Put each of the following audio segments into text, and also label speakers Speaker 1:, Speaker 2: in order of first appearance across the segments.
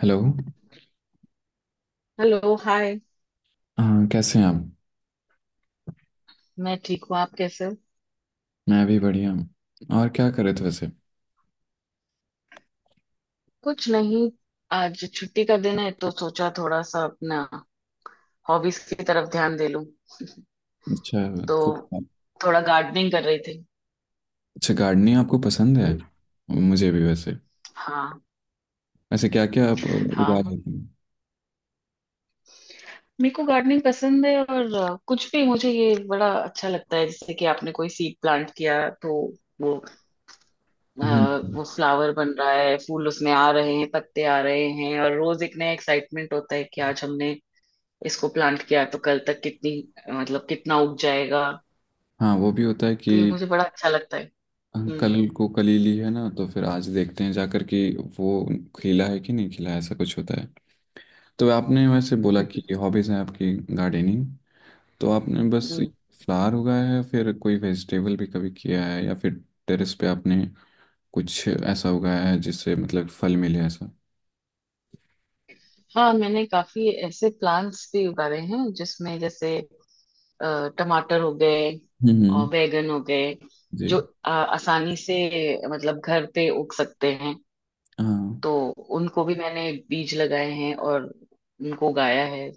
Speaker 1: Hello.
Speaker 2: Hello hi.
Speaker 1: हाँ, कैसे हैं आप?
Speaker 2: मैं ठीक हूँ, आप कैसे हो?
Speaker 1: मैं भी बढ़िया हूँ। और क्या करे थे वैसे?
Speaker 2: कुछ नहीं। आज छुट्टी का दिन है तो सोचा थोड़ा सा अपना हॉबीज की तरफ ध्यान दे लूं।
Speaker 1: अच्छा।
Speaker 2: तो
Speaker 1: तो।
Speaker 2: थोड़ा गार्डनिंग कर रही थी।
Speaker 1: अच्छा, गार्डनिंग आपको पसंद है। मुझे भी वैसे।
Speaker 2: हाँ।
Speaker 1: वैसे क्या क्या आप उगा
Speaker 2: हाँ।
Speaker 1: लेते हैं?
Speaker 2: मेरे को गार्डनिंग पसंद है, और कुछ भी मुझे ये बड़ा अच्छा लगता है जैसे कि आपने कोई सीड प्लांट किया, तो वो
Speaker 1: हम्म।
Speaker 2: वो फ्लावर बन रहा है, फूल उसमें आ रहे हैं, पत्ते आ रहे हैं, और रोज एक नया एक्साइटमेंट होता है कि आज हमने इसको प्लांट किया तो कल तक कितनी मतलब कितना उग जाएगा।
Speaker 1: हाँ वो भी होता है कि
Speaker 2: तो ये मुझे बड़ा अच्छा लगता है। हम्म।
Speaker 1: कल को कली ली है ना तो फिर आज देखते हैं जाकर कि वो खिला है कि नहीं खिला है, ऐसा कुछ होता है। तो आपने वैसे बोला कि
Speaker 2: हम्म।
Speaker 1: हॉबीज़ हैं आपकी गार्डनिंग। तो आपने बस
Speaker 2: हम्म।
Speaker 1: फ्लावर उगाया है, फिर कोई वेजिटेबल भी कभी किया है या फिर टेरेस पे आपने कुछ ऐसा उगाया है जिससे मतलब फल मिले ऐसा?
Speaker 2: हाँ, मैंने काफी ऐसे प्लांट्स भी उगाए हैं जिसमें जैसे टमाटर हो गए
Speaker 1: हम्म।
Speaker 2: और बैगन हो गए,
Speaker 1: जी।
Speaker 2: जो आसानी से मतलब घर पे उग सकते हैं,
Speaker 1: हाँ।
Speaker 2: तो उनको भी मैंने बीज लगाए हैं और उनको उगाया है।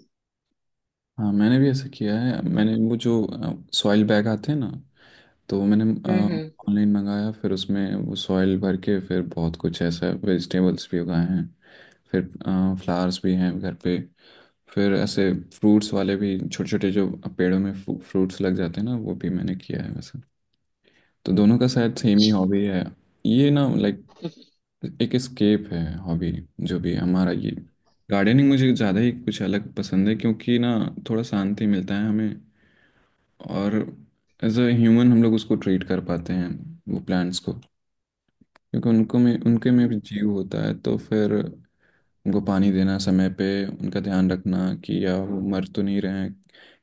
Speaker 1: हाँ मैंने भी ऐसा किया है। मैंने वो जो सॉइल बैग आते हैं ना, तो वो मैंने
Speaker 2: हम्म। हम्म।
Speaker 1: ऑनलाइन मंगाया, फिर उसमें वो सॉइल भर के फिर बहुत कुछ ऐसा वेजिटेबल्स भी उगाए हैं, फिर फ्लावर्स भी हैं घर पे, फिर ऐसे फ्रूट्स वाले भी छोटे छोटे जो पेड़ों में फ्रूट्स लग जाते हैं ना वो भी मैंने किया है वैसे। तो दोनों का शायद सेम ही
Speaker 2: अच्छा।
Speaker 1: हॉबी है। ये ना, लाइक एक स्केप है हॉबी, जो भी है हमारा ये। गार्डनिंग मुझे ज़्यादा ही कुछ अलग पसंद है क्योंकि ना थोड़ा शांति मिलता है हमें, और एज अ ह्यूमन हम लोग उसको ट्रीट कर पाते हैं वो प्लांट्स को, क्योंकि उनको में उनके में भी
Speaker 2: हम्म।
Speaker 1: जीव होता है। तो फिर उनको पानी देना, समय पे उनका ध्यान रखना कि या वो मर तो नहीं रहे हैं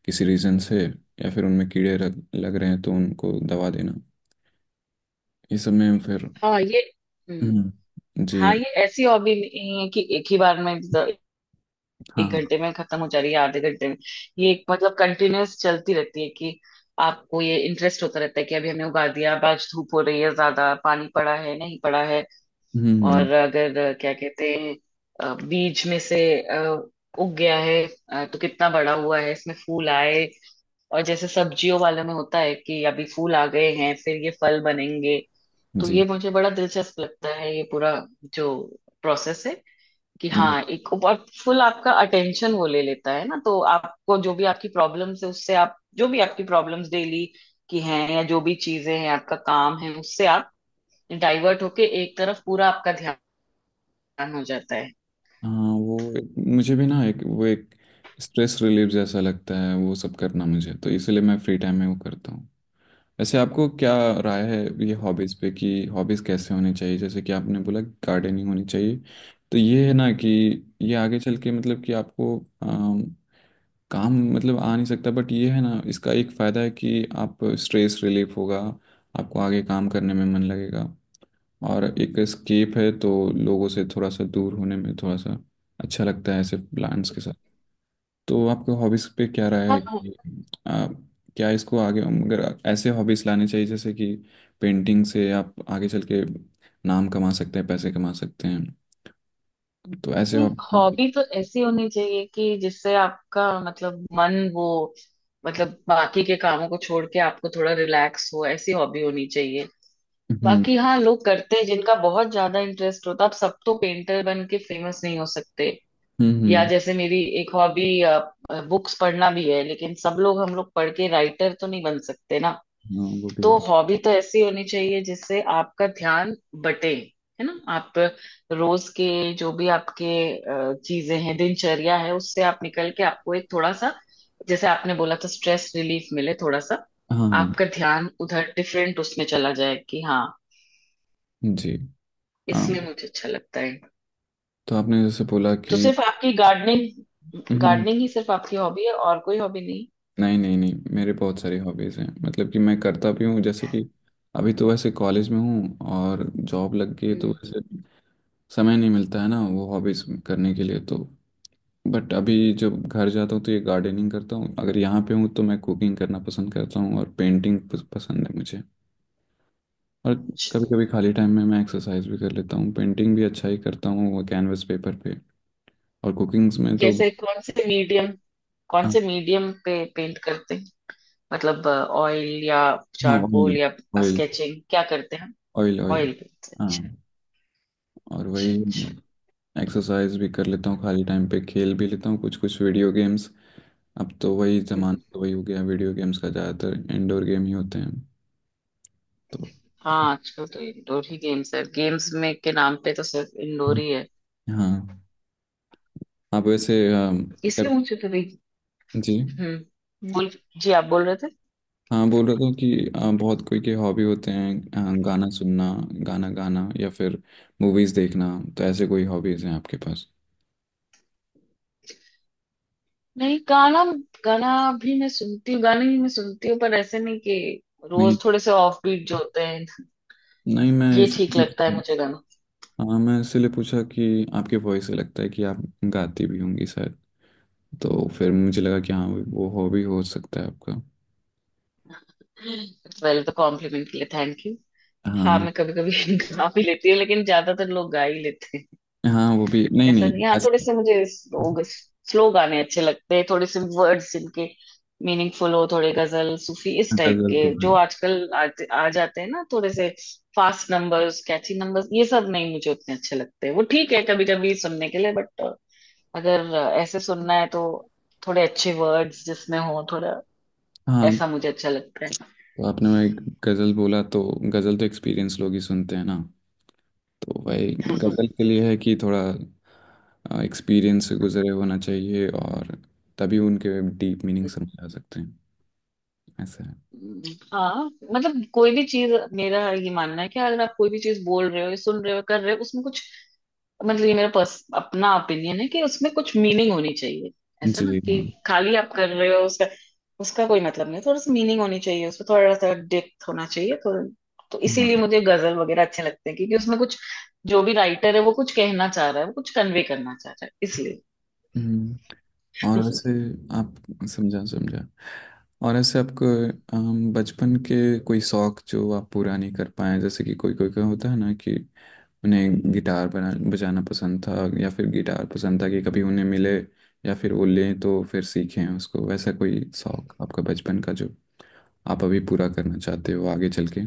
Speaker 1: किसी रीज़न से, या फिर उनमें कीड़े लग रहे हैं तो उनको दवा देना, ये सब में फिर।
Speaker 2: हाँ ये
Speaker 1: हम्म।
Speaker 2: हम्म
Speaker 1: जी।
Speaker 2: हाँ, ये ऐसी हॉबी नहीं है कि एक ही बार में
Speaker 1: हाँ
Speaker 2: एक
Speaker 1: हाँ।
Speaker 2: घंटे में खत्म हो जा रही है, आधे घंटे में। ये एक मतलब कंटिन्यूअस चलती रहती है कि आपको ये इंटरेस्ट होता रहता है कि अभी हमने उगा दिया, अब आज धूप हो रही है, ज्यादा पानी पड़ा है नहीं पड़ा है,
Speaker 1: हम्म।
Speaker 2: और अगर क्या कहते हैं, बीज में से उग गया है, तो कितना बड़ा हुआ है, इसमें फूल आए। और जैसे सब्जियों वाले में होता है कि अभी फूल आ गए हैं, फिर ये फल बनेंगे। तो
Speaker 1: जी।
Speaker 2: ये मुझे बड़ा दिलचस्प लगता है, ये पूरा जो प्रोसेस है, कि हाँ, एक और फुल आपका अटेंशन वो ले लेता है ना, तो आपको जो भी आपकी प्रॉब्लम्स है उससे, आप जो भी आपकी प्रॉब्लम्स डेली की हैं या जो भी चीजें हैं आपका काम है उससे आप डाइवर्ट होके एक तरफ पूरा आपका ध्यान हो जाता है।
Speaker 1: हाँ वो मुझे भी ना एक वो एक स्ट्रेस रिलीफ जैसा लगता है वो सब करना मुझे, तो इसलिए मैं फ्री टाइम में वो करता हूँ। वैसे आपको क्या राय है ये
Speaker 2: हम्म।
Speaker 1: हॉबीज़ पे कि हॉबीज़ कैसे होनी चाहिए? जैसे कि आपने बोला गार्डनिंग होनी चाहिए। तो ये है ना कि ये आगे चल के मतलब कि आपको काम मतलब आ नहीं सकता, बट ये है ना इसका एक फ़ायदा है कि आप स्ट्रेस रिलीफ होगा, आपको आगे काम करने में मन लगेगा, और एक स्केप है तो लोगों से थोड़ा सा दूर होने में थोड़ा सा अच्छा लगता है ऐसे प्लान्स के साथ। तो आपके हॉबीज पे क्या राय है
Speaker 2: हाँ,
Speaker 1: कि आ, क्या इसको आगे अगर ऐसे हॉबीज लाने चाहिए, जैसे कि पेंटिंग से आप आगे चल के नाम कमा सकते हैं पैसे कमा सकते हैं? तो ऐसे
Speaker 2: एक
Speaker 1: हॉबी।
Speaker 2: हॉबी तो ऐसी होनी चाहिए कि जिससे आपका मतलब मन वो मतलब बाकी के कामों को छोड़ के आपको थोड़ा रिलैक्स हो, ऐसी हॉबी होनी चाहिए।
Speaker 1: हम्म
Speaker 2: बाकी हाँ, लोग करते हैं जिनका बहुत ज्यादा इंटरेस्ट होता है, अब सब तो पेंटर बन के फेमस नहीं हो सकते।
Speaker 1: हम्म।
Speaker 2: या
Speaker 1: हम्म।
Speaker 2: जैसे मेरी एक हॉबी बुक्स पढ़ना भी है, लेकिन सब लोग हम लोग पढ़ के राइटर तो नहीं बन सकते ना।
Speaker 1: हाँ वो भी है।
Speaker 2: तो हॉबी तो ऐसी होनी चाहिए जिससे आपका ध्यान बटे, है ना, आप रोज के जो भी आपके चीजें हैं, दिनचर्या है, उससे आप निकल के आपको एक थोड़ा सा, जैसे आपने बोला था, स्ट्रेस रिलीफ मिले, थोड़ा सा
Speaker 1: हाँ हाँ।
Speaker 2: आपका ध्यान उधर डिफरेंट उसमें चला जाए कि हाँ,
Speaker 1: जी। हाँ,
Speaker 2: इसलिए मुझे अच्छा लगता है।
Speaker 1: तो आपने जैसे बोला
Speaker 2: तो
Speaker 1: कि।
Speaker 2: सिर्फ आपकी गार्डनिंग
Speaker 1: हम्म।
Speaker 2: गार्डनिंग ही सिर्फ आपकी हॉबी है और कोई हॉबी नहीं?
Speaker 1: नहीं नहीं नहीं, मेरे बहुत सारी हॉबीज़ हैं मतलब कि मैं करता भी हूँ, जैसे कि अभी तो वैसे कॉलेज में हूँ और जॉब लग गई है, तो
Speaker 2: हम्म।
Speaker 1: वैसे समय नहीं मिलता है ना वो हॉबीज़ करने के लिए तो। बट अभी जब घर जाता हूँ तो ये गार्डनिंग करता हूँ, अगर यहाँ पे हूँ तो मैं कुकिंग करना पसंद करता हूँ और पेंटिंग पसंद है मुझे। और
Speaker 2: अच्छा।
Speaker 1: कभी कभी खाली टाइम में मैं एक्सरसाइज भी कर लेता हूँ, पेंटिंग भी अच्छा ही करता हूँ वो कैनवस पेपर पे। और कुकिंग्स में तो।
Speaker 2: कैसे कौन से मीडियम कौन
Speaker 1: हाँ।
Speaker 2: से मीडियम पे पेंट करते हैं? मतलब ऑयल या चारकोल
Speaker 1: ऑयल।
Speaker 2: या
Speaker 1: ऑयल।
Speaker 2: स्केचिंग क्या करते हैं?
Speaker 1: Oil oil.
Speaker 2: ऑयल पे। अच्छा,
Speaker 1: हाँ oil, oil,
Speaker 2: अच्छा,
Speaker 1: oil। हाँ, और वही
Speaker 2: अच्छा।
Speaker 1: एक्सरसाइज भी कर लेता हूँ खाली टाइम पे, खेल भी लेता हूँ कुछ कुछ वीडियो गेम्स। अब तो वही जमाना
Speaker 2: हम्म।
Speaker 1: तो वही हो गया वीडियो गेम्स का, ज़्यादातर इंडोर गेम ही होते हैं। तो
Speaker 2: हाँ, आजकल तो इंडोर ही गेम्स है, गेम्स में के नाम पे तो सिर्फ इंडोर ही है,
Speaker 1: हाँ। आप वैसे कभी।
Speaker 2: इसलिए मुझे तो नहीं।
Speaker 1: जी।
Speaker 2: हम्म। बोल जी, आप बोल रहे थे?
Speaker 1: हाँ बोल रहा था कि बहुत कोई के हॉबी होते हैं। गाना सुनना, गाना गाना, या फिर मूवीज़ देखना। तो ऐसे कोई हॉबीज़ हैं आपके पास?
Speaker 2: नहीं, गाना गाना भी मैं सुनती हूँ, गाने भी मैं सुनती हूँ, पर ऐसे नहीं कि
Speaker 1: नहीं
Speaker 2: रोज। थोड़े से ऑफ बीट जो होते हैं
Speaker 1: नहीं मैं
Speaker 2: ये
Speaker 1: इस।
Speaker 2: ठीक लगता है मुझे गाना।
Speaker 1: हाँ मैं इसलिए पूछा कि आपके वॉइस से लगता है कि आप गाती भी होंगी शायद, तो फिर मुझे लगा कि हाँ वो हॉबी हो सकता है आपका।
Speaker 2: वेल, तो कॉम्प्लीमेंट के लिए थैंक यू। हाँ,
Speaker 1: हाँ।
Speaker 2: मैं कभी कभी गा भी लेती हूँ, लेकिन ज्यादातर लोग गा ही लेते हैं,
Speaker 1: हाँ वो भी नहीं
Speaker 2: ऐसा
Speaker 1: नहीं
Speaker 2: नहीं है। हाँ, थोड़े
Speaker 1: ऐसे-।
Speaker 2: से मुझे स्लो गाने अच्छे लगते हैं, थोड़े से वर्ड्स जिनके मीनिंगफुल हो, थोड़े गजल सूफी इस टाइप
Speaker 1: गजल
Speaker 2: के
Speaker 1: तो
Speaker 2: जो
Speaker 1: फिर-।
Speaker 2: आजकल आते आ जाते हैं ना। थोड़े से फास्ट नंबर्स कैची नंबर्स ये सब नहीं मुझे उतने अच्छे लगते, वो ठीक है कभी कभी सुनने के लिए, बट अगर ऐसे सुनना है तो थोड़े अच्छे वर्ड्स जिसमें हो, थोड़ा
Speaker 1: हाँ,
Speaker 2: ऐसा मुझे अच्छा लगता
Speaker 1: तो आपने मैं गजल बोला तो, गजल तो एक्सपीरियंस लोग ही सुनते हैं ना। तो भाई
Speaker 2: है।
Speaker 1: गजल के लिए है कि थोड़ा एक्सपीरियंस से गुजरे होना चाहिए, और तभी उनके डीप मीनिंग समझ आ सकते हैं, ऐसा है।
Speaker 2: हाँ, मतलब कोई भी चीज मेरा ये मानना है कि अगर आप कोई भी चीज बोल रहे हो या सुन रहे हो कर रहे हो उसमें कुछ मतलब, ये मेरा पर्स अपना ओपिनियन है कि उसमें कुछ मीनिंग होनी चाहिए, ऐसा ना
Speaker 1: जी।
Speaker 2: कि खाली आप कर रहे हो, उसका उसका कोई मतलब नहीं, थोड़ा सा मीनिंग होनी चाहिए उसमें, थोड़ा सा डेप्थ होना चाहिए, तो
Speaker 1: हाँ।
Speaker 2: इसीलिए मुझे गजल वगैरह अच्छे लगते हैं क्योंकि उसमें कुछ जो भी राइटर है वो कुछ कहना चाह रहा है, वो कुछ कन्वे करना चाह रहा है, इसलिए।
Speaker 1: हम्म। और वैसे आप। समझा समझा। और ऐसे आपको बचपन के कोई शौक जो आप पूरा नहीं कर पाए, जैसे कि कोई कोई का होता है ना कि उन्हें गिटार बना बजाना पसंद था, या फिर गिटार पसंद था कि कभी उन्हें मिले, या फिर वो लें तो फिर सीखें उसको, वैसा कोई शौक आपका बचपन का जो आप अभी पूरा करना चाहते हो आगे चल के?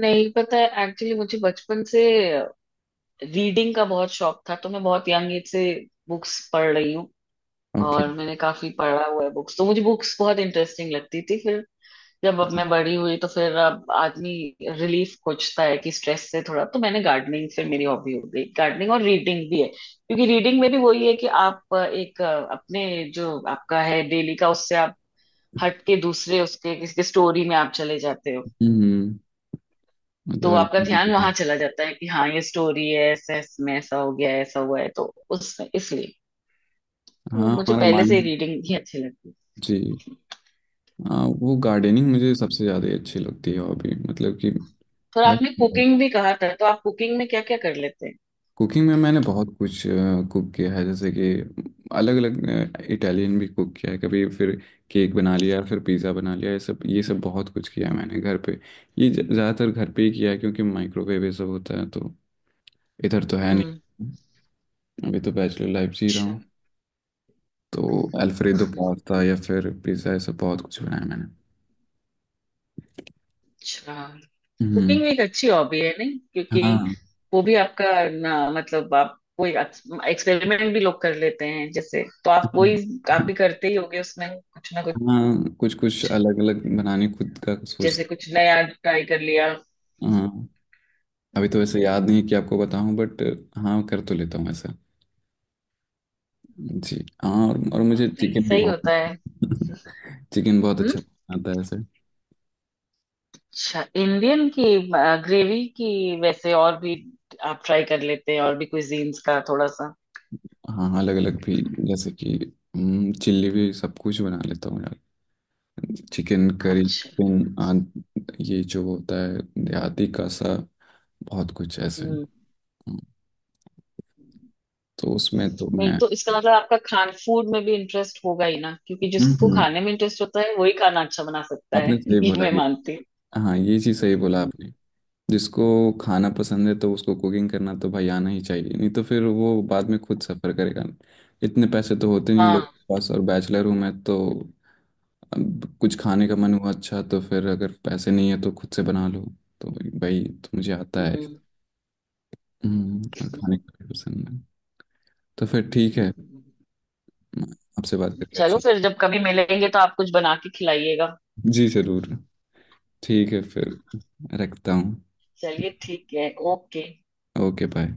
Speaker 2: नहीं पता है एक्चुअली, मुझे बचपन से रीडिंग का बहुत शौक था, तो मैं बहुत यंग एज से बुक्स पढ़ रही हूँ
Speaker 1: ओके।
Speaker 2: और मैंने काफी पढ़ा हुआ है बुक्स, तो मुझे बुक्स बहुत इंटरेस्टिंग लगती थी। फिर जब अब मैं बड़ी हुई तो फिर अब आदमी रिलीफ खोजता है कि स्ट्रेस से थोड़ा, तो मैंने गार्डनिंग फिर मेरी हॉबी हो गई, गार्डनिंग और रीडिंग भी है, क्योंकि रीडिंग में भी वही है कि आप एक अपने जो आपका है डेली का उससे आप हट के दूसरे उसके किसी स्टोरी में आप चले जाते हो।
Speaker 1: हम्म। मतलब
Speaker 2: तो आपका ध्यान वहां
Speaker 1: अलग-।
Speaker 2: चला जाता है कि हाँ, ये स्टोरी है ऐसा, इसमें ऐसा हो गया है, ऐसा हुआ है, तो उसमें इसलिए तो
Speaker 1: हाँ
Speaker 2: मुझे
Speaker 1: हमारा
Speaker 2: पहले से
Speaker 1: माइंड।
Speaker 2: रीडिंग ही अच्छी लगती है।
Speaker 1: जी। हाँ वो गार्डनिंग मुझे सबसे ज़्यादा अच्छी लगती है हॉबी मतलब कि। भाई
Speaker 2: और आपने कुकिंग भी कहा था, तो आप कुकिंग में क्या क्या कर लेते हैं?
Speaker 1: कुकिंग में मैंने बहुत कुछ कुक किया है, जैसे कि अलग अलग इटालियन भी कुक किया है कभी, फिर केक बना लिया, फिर पिज़्ज़ा बना लिया, ये सब बहुत कुछ किया है मैंने घर पे। ये ज़्यादातर घर पे ही किया है क्योंकि माइक्रोवेव ये सब होता है तो, इधर तो है
Speaker 2: हम्म।
Speaker 1: नहीं, अभी तो बैचलर लाइफ जी रहा
Speaker 2: अच्छा।
Speaker 1: हूँ। तो अल्फ्रेडो पास्ता या फिर पिज़्ज़ा ये सब बहुत कुछ बनाया मैंने।
Speaker 2: अच्छा।
Speaker 1: हम्म।
Speaker 2: कुकिंग एक अच्छी हॉबी है नहीं, क्योंकि
Speaker 1: हाँ।
Speaker 2: वो भी आपका ना, मतलब आप कोई एक्सपेरिमेंट भी लोग कर लेते हैं जैसे, तो आप वही, आप भी करते ही होगे उसमें कुछ ना कुछ,
Speaker 1: हाँ कुछ कुछ अलग अलग बनाने खुद का
Speaker 2: जैसे
Speaker 1: सोचते
Speaker 2: कुछ नया ट्राई कर लिया।
Speaker 1: हैं। हाँ अभी तो वैसे याद नहीं है कि आपको बताऊं बट, हाँ कर तो लेता हूँ ऐसा। जी। हाँ, और मुझे
Speaker 2: नहीं
Speaker 1: चिकन
Speaker 2: सही
Speaker 1: बहुत
Speaker 2: होता है।
Speaker 1: चिकन बहुत
Speaker 2: हम्म,
Speaker 1: अच्छा आता है ऐसे।
Speaker 2: अच्छा, इंडियन की ग्रेवी की वैसे, और भी आप ट्राई कर लेते हैं और भी कुजीन्स का थोड़ा सा?
Speaker 1: हाँ अलग अलग भी जैसे कि चिल्ली भी सब कुछ बना लेता हूँ यार, चिकन करी
Speaker 2: अच्छा।
Speaker 1: चिकन आद ये जो होता है देहाती का सा, बहुत कुछ ऐसे।
Speaker 2: हम्म।
Speaker 1: हम्म। तो उसमें तो
Speaker 2: नहीं
Speaker 1: मैं।
Speaker 2: तो इसका मतलब आपका खान फूड में भी इंटरेस्ट होगा ही ना, क्योंकि जिसको
Speaker 1: हम्म।
Speaker 2: खाने में इंटरेस्ट होता है वही खाना अच्छा बना सकता
Speaker 1: आपने
Speaker 2: है
Speaker 1: सही
Speaker 2: ये
Speaker 1: बोला
Speaker 2: मैं
Speaker 1: ये।
Speaker 2: मानती
Speaker 1: हाँ ये चीज़ सही बोला
Speaker 2: हूँ।
Speaker 1: आपने। जिसको खाना पसंद है तो उसको कुकिंग करना तो भाई आना ही चाहिए, नहीं तो फिर वो बाद में खुद सफ़र करेगा, इतने पैसे तो होते नहीं लोग
Speaker 2: हाँ।
Speaker 1: के पास और बैचलर हूँ मैं तो। अब कुछ खाने का
Speaker 2: हम्म।
Speaker 1: मन हुआ अच्छा तो फिर अगर पैसे नहीं है तो खुद से बना लो। तो भाई तो मुझे आता है।
Speaker 2: हम्म।
Speaker 1: और खाने
Speaker 2: हम्म।
Speaker 1: का भी पसंद है। तो फिर ठीक है।
Speaker 2: हम्म।
Speaker 1: आपसे बात करके
Speaker 2: चलो
Speaker 1: अच्छा।
Speaker 2: फिर, जब कभी मिलेंगे तो आप कुछ बना के खिलाइएगा।
Speaker 1: जी ज़रूर। ठीक है फिर, रखता हूँ।
Speaker 2: चलिए, ठीक है, ओके।
Speaker 1: Okay bye.